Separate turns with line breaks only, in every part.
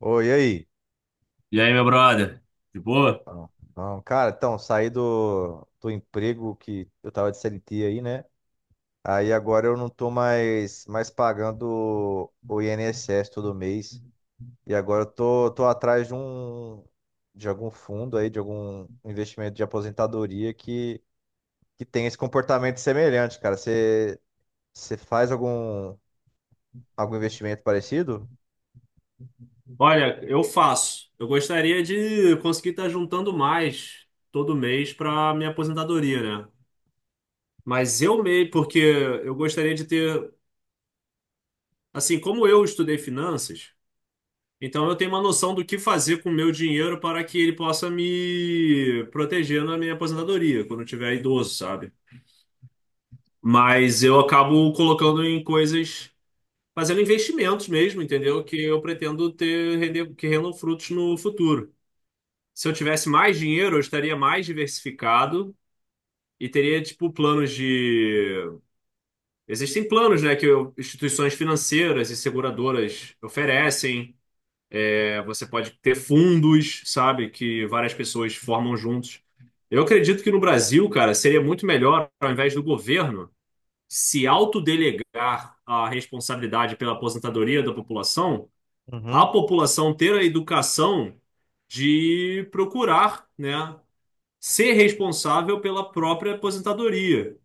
Oi, e aí?
E aí, meu brother? De boa?
Não, não, cara, então, saí do emprego que eu tava de CLT aí, né? Aí agora eu não tô mais pagando o INSS todo mês. E agora eu tô atrás de algum fundo aí, de algum investimento de aposentadoria que tem esse comportamento semelhante, cara. Você faz algum investimento parecido?
Olha, eu faço. Eu gostaria de conseguir estar juntando mais todo mês para minha aposentadoria, né? Mas eu meio, porque eu gostaria de ter, assim, como eu estudei finanças, então eu tenho uma noção do que fazer com o meu dinheiro para que ele possa me proteger na minha aposentadoria, quando eu tiver idoso, sabe? Mas eu acabo colocando em coisas, fazendo investimentos mesmo, entendeu? Que eu pretendo ter render, que rendam frutos no futuro. Se eu tivesse mais dinheiro, eu estaria mais diversificado e teria, tipo, planos de. Existem planos, né, que instituições financeiras e seguradoras oferecem. É, você pode ter fundos, sabe, que várias pessoas formam juntos. Eu acredito que no Brasil, cara, seria muito melhor, ao invés do governo se autodelegar a responsabilidade pela aposentadoria da população, a
Uhum.
população ter a educação de procurar, né, ser responsável pela própria aposentadoria.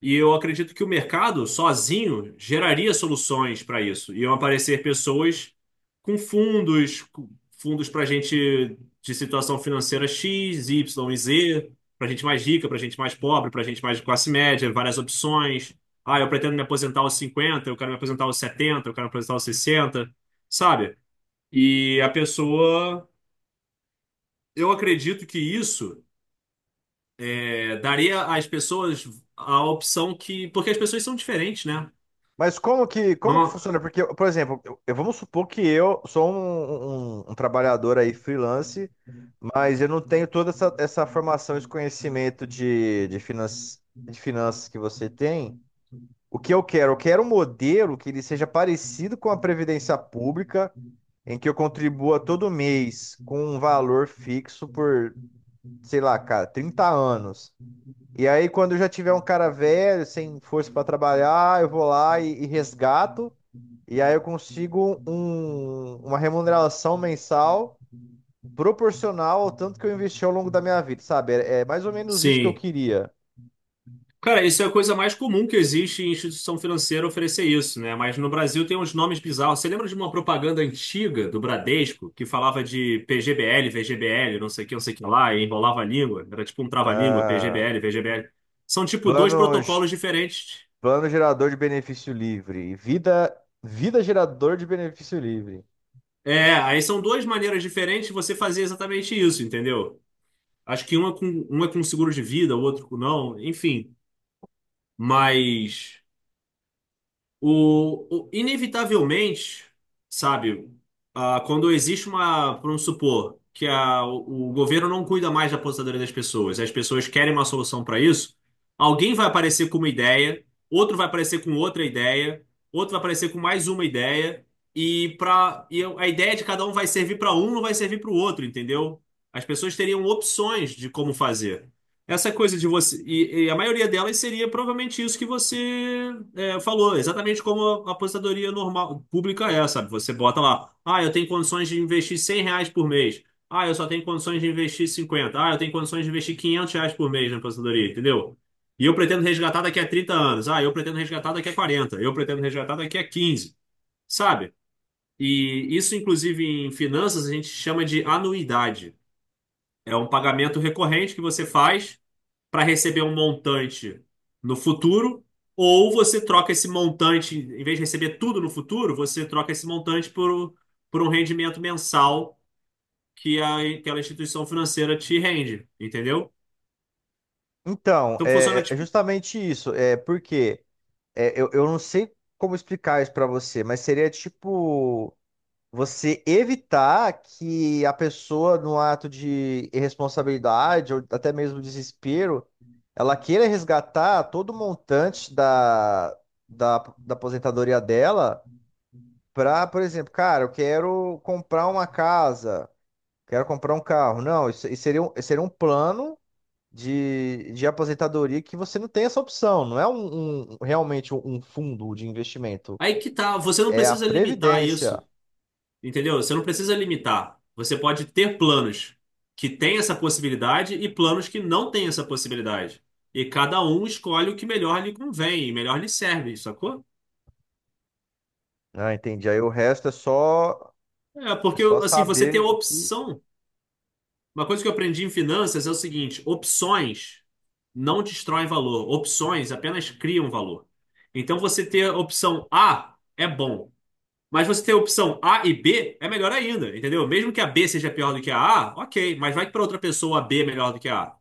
E eu acredito que o mercado sozinho geraria soluções para isso. Iam aparecer pessoas com fundos para gente de situação financeira X, Y e Z, para gente mais rica, para gente mais pobre, para gente mais de classe média, várias opções. Ah, eu pretendo me aposentar aos 50, eu quero me aposentar aos 70, eu quero me aposentar aos 60, sabe? E a pessoa, eu acredito que isso daria às pessoas a opção que. Porque as pessoas são diferentes, né?
Mas como que
Não-
funciona? Porque, por exemplo, vamos supor que eu sou um trabalhador aí freelance, mas eu não tenho toda essa formação, esse conhecimento de finanças que você tem. O que eu quero? Eu quero um modelo que ele seja parecido com a Previdência Pública, em que eu contribua todo mês com um valor fixo por, sei lá, cara, 30 anos. E aí, quando eu já tiver um cara velho, sem força para trabalhar, eu vou lá e resgato. E aí eu consigo uma remuneração mensal proporcional ao tanto que eu investi ao longo da minha vida, sabe? É mais ou menos isso que eu
Sim.
queria.
Cara, isso é a coisa mais comum que existe em instituição financeira oferecer isso, né? Mas no Brasil tem uns nomes bizarros. Você lembra de uma propaganda antiga do Bradesco que falava de PGBL, VGBL, não sei o que, não sei o que lá, e enrolava a língua? Era tipo um trava-língua,
Ah,
PGBL, VGBL. São tipo dois
planos,
protocolos diferentes.
plano gerador de benefício livre, vida gerador de benefício livre.
É, aí são duas maneiras diferentes de você fazer exatamente isso, entendeu? Acho que um é com seguro de vida, o outro com não, enfim. Mas. Inevitavelmente, sabe, quando existe uma, vamos supor, que o governo não cuida mais da aposentadoria das pessoas, e as pessoas querem uma solução para isso, alguém vai aparecer com uma ideia, outro vai aparecer com outra ideia, outro vai aparecer com mais uma ideia, e a ideia de cada um vai servir para um, não vai servir para o outro, entendeu? As pessoas teriam opções de como fazer. Essa coisa de você. E a maioria delas seria provavelmente isso que você falou, exatamente como a aposentadoria normal, pública é, sabe? Você bota lá, eu tenho condições de investir R$ 100 por mês. Ah, eu só tenho condições de investir 50. Ah, eu tenho condições de investir R$ 500 por mês na aposentadoria, entendeu? E eu pretendo resgatar daqui a 30 anos. Ah, eu pretendo resgatar daqui a 40. Eu pretendo resgatar daqui a 15, sabe? E isso, inclusive, em finanças, a gente chama de anuidade. É um pagamento recorrente que você faz para receber um montante no futuro, ou você troca esse montante, em vez de receber tudo no futuro, você troca esse montante por um rendimento mensal que aquela instituição financeira te rende, entendeu?
Então,
Então funciona
é
tipo.
justamente isso. É porque é, eu não sei como explicar isso pra você, mas seria tipo você evitar que a pessoa, no ato de irresponsabilidade ou até mesmo desespero, ela queira resgatar todo o montante da, da aposentadoria dela para, por exemplo, cara, eu quero comprar uma casa, quero comprar um carro. Não, isso seria isso seria um plano de aposentadoria que você não tem essa opção, não é realmente um fundo de investimento,
Aí que tá, você não
é a
precisa limitar
previdência.
isso, entendeu? Você não precisa limitar. Você pode ter planos que têm essa possibilidade e planos que não têm essa possibilidade. E cada um escolhe o que melhor lhe convém, melhor lhe serve, sacou?
Ah, entendi. Aí o resto
É,
é
porque
só
assim, você tem
saber
a
o que.
opção. Uma coisa que eu aprendi em finanças é o seguinte: opções não destroem valor, opções apenas criam valor. Então você ter a opção A é bom, mas você ter a opção A e B é melhor ainda, entendeu? Mesmo que a B seja pior do que a A, ok, mas vai que para outra pessoa a B é melhor do que a A.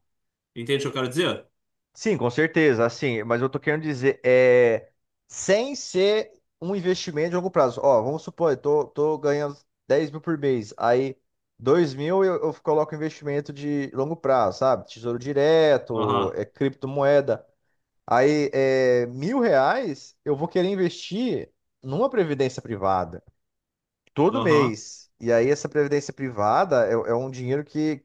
Entende o que eu quero dizer?
Sim, com certeza, assim, mas eu tô querendo dizer, é, sem ser um investimento de longo prazo. Ó, vamos supor, eu tô ganhando 10 mil por mês, aí 2 mil eu coloco investimento de longo prazo, sabe? Tesouro direto,
Aham,
é, criptomoeda. Aí, é, R$ 1.000 eu vou querer investir numa previdência privada, todo
aham.
mês. E aí, essa previdência privada é um dinheiro que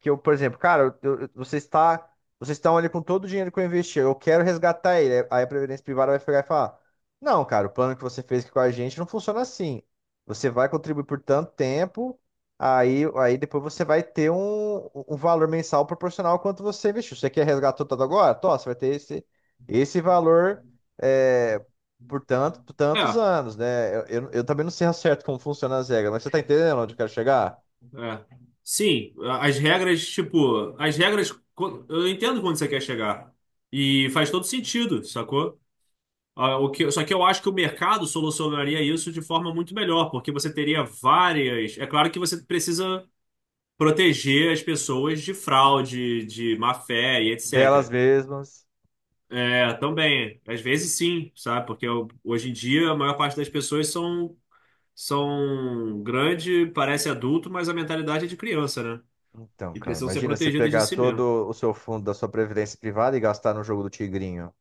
que eu, por exemplo, cara, vocês estão ali com todo o dinheiro que eu investi, eu quero resgatar ele. Aí a Previdência Privada vai pegar e falar: não, cara, o plano que você fez aqui com a gente não funciona assim. Você vai contribuir por tanto tempo, aí depois você vai ter um valor mensal proporcional ao quanto você investiu. Você quer resgatar tudo agora? Tó, você vai ter esse valor. é, por tantos
É,
anos, né? Eu também não sei ao certo como funcionam as regras, mas você tá entendendo onde eu quero chegar?
é. Sim, as regras, tipo, as regras. Eu entendo quando você quer chegar. E faz todo sentido, sacou? Ah, só que eu acho que o mercado solucionaria isso de forma muito melhor, porque você teria várias. É claro que você precisa proteger as pessoas de fraude, de má fé e
Delas
etc.
mesmas.
É, também, às vezes sim, sabe? Porque hoje em dia a maior parte das pessoas são grande, parece adulto, mas a mentalidade é de criança, né?
Então,
E
cara,
precisam ser
imagina você
protegidas de
pegar
si mesmo.
todo o seu fundo da sua previdência privada e gastar no jogo do Tigrinho.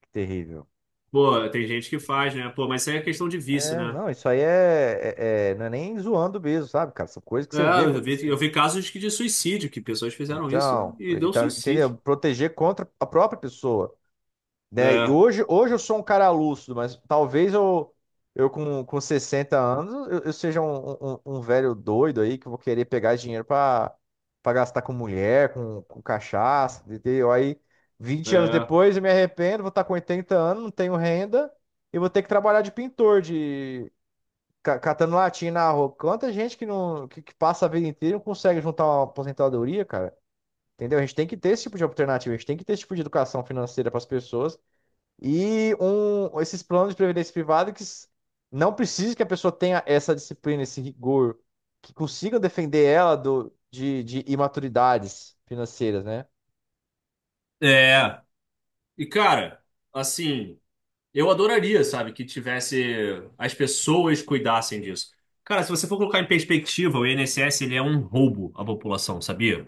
Que terrível.
Pô, tem gente que faz, né? Pô, mas isso aí é questão de vício,
É,
né?
não, isso aí não é nem zoando mesmo, sabe, cara? São coisas que
É,
você vê
eu vi, eu
acontecendo.
vi casos que de suicídio, que pessoas fizeram isso
Então,
e deu
entendeu?
suicídio.
Proteger contra a própria pessoa. Né? E
É,
hoje eu sou um cara lúcido, mas talvez eu com 60 anos eu seja um velho doido aí que eu vou querer pegar dinheiro para gastar com mulher, com cachaça, entendeu? Aí 20 anos
é,
depois eu me arrependo, vou estar com 80 anos, não tenho renda e vou ter que trabalhar de pintor, de catando latinha na rua. Quanta gente que não que, que passa a vida inteira e não consegue juntar uma aposentadoria, cara. Entendeu? A gente tem que ter esse tipo de alternativa, a gente tem que ter esse tipo de educação financeira para as pessoas e esses planos de previdência privada não precisa que a pessoa tenha essa disciplina, esse rigor, que consigam defender ela de imaturidades financeiras, né?
é. E, cara, assim, eu adoraria, sabe, que tivesse, as pessoas cuidassem disso. Cara, se você for colocar em perspectiva, o INSS, ele é um roubo à população, sabia?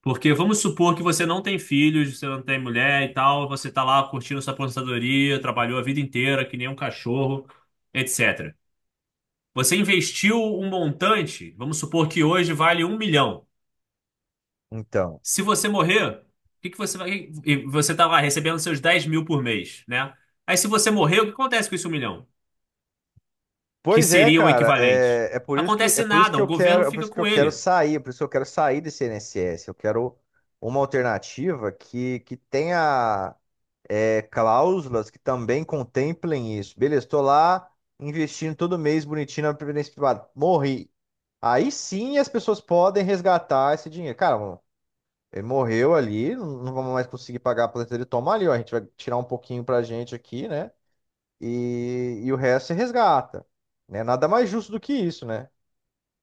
Porque vamos supor que você não tem filhos, você não tem mulher e tal, você tá lá curtindo sua aposentadoria, trabalhou a vida inteira que nem um cachorro, etc. Você investiu um montante, vamos supor que hoje vale 1 milhão.
Então.
Se você morrer, o que que você vai. E você está lá recebendo seus 10 mil por mês, né? Aí se você morrer, o que acontece com esse 1 milhão? Que
Pois é,
seria o
cara,
equivalente?
é por isso que é
Acontece
por isso
nada,
que eu
o
quero,
governo
é por
fica
isso que eu
com
quero
ele.
sair, é por isso que eu quero sair desse INSS. Eu quero uma alternativa que tenha cláusulas que também contemplem isso. Beleza, estou lá investindo todo mês bonitinho na previdência privada. Morri. Aí sim as pessoas podem resgatar esse dinheiro. Cara, mano, ele morreu ali, não vamos mais conseguir pagar a aposentadoria. Toma ali, ó, a gente vai tirar um pouquinho pra gente aqui, né? E o resto você resgata. Né? Nada mais justo do que isso, né?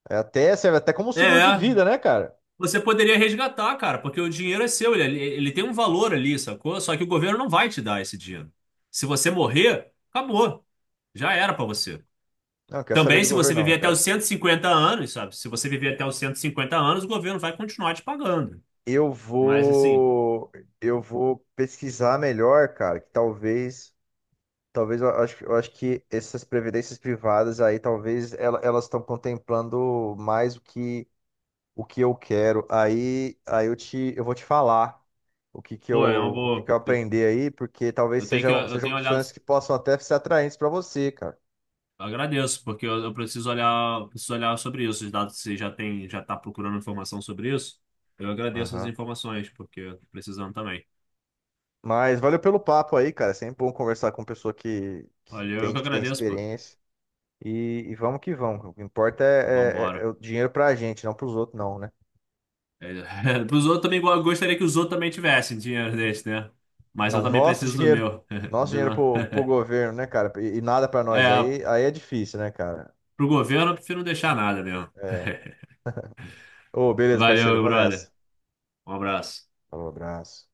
É até Serve até como um seguro de
É,
vida, né, cara?
você poderia resgatar, cara, porque o dinheiro é seu, ele tem um valor ali, sacou? Só que o governo não vai te dar esse dinheiro. Se você morrer, acabou. Já era para você.
Não, quer saber
Também,
de
se você
governo,
viver
não,
até os
cara.
150 anos, sabe? Se você viver até os 150 anos, o governo vai continuar te pagando.
Eu
Mas, assim,
vou, eu vou pesquisar melhor, cara, que talvez eu acho que essas previdências privadas aí, talvez elas estão contemplando mais o que, eu quero. Aí eu vou te falar o que que eu,
pô, é uma
o que que
boa.
eu
Eu,
aprendi aí, porque talvez
eu tenho que,
sejam,
eu
sejam
tenho olhado.
opções que possam até ser atraentes para você, cara.
Agradeço, porque eu preciso olhar sobre isso. Os dados que você já tem, já está procurando informação sobre isso. Eu agradeço as
Aham.
informações, porque eu tô precisando também.
Mas valeu pelo papo aí, cara. É sempre bom conversar com pessoa que
Olha, eu que
entende, que tem
agradeço, pô.
experiência. E vamos que vamos. O que importa é
Vambora.
o dinheiro pra gente, não pros outros, não, né?
É, pros outros também, eu gostaria que os outros também tivessem dinheiro desse, né? Mas eu
Não, o
também
nosso
preciso do
dinheiro,
meu.
nosso
Do
dinheiro
Não-
pro governo, né, cara? E nada pra nós.
É,
Aí é difícil, né, cara?
pro governo, eu prefiro não deixar nada mesmo.
É. Ô, beleza,
Valeu,
parceiro, eu
meu
vou nessa.
brother. Um abraço.
Falou, abraço.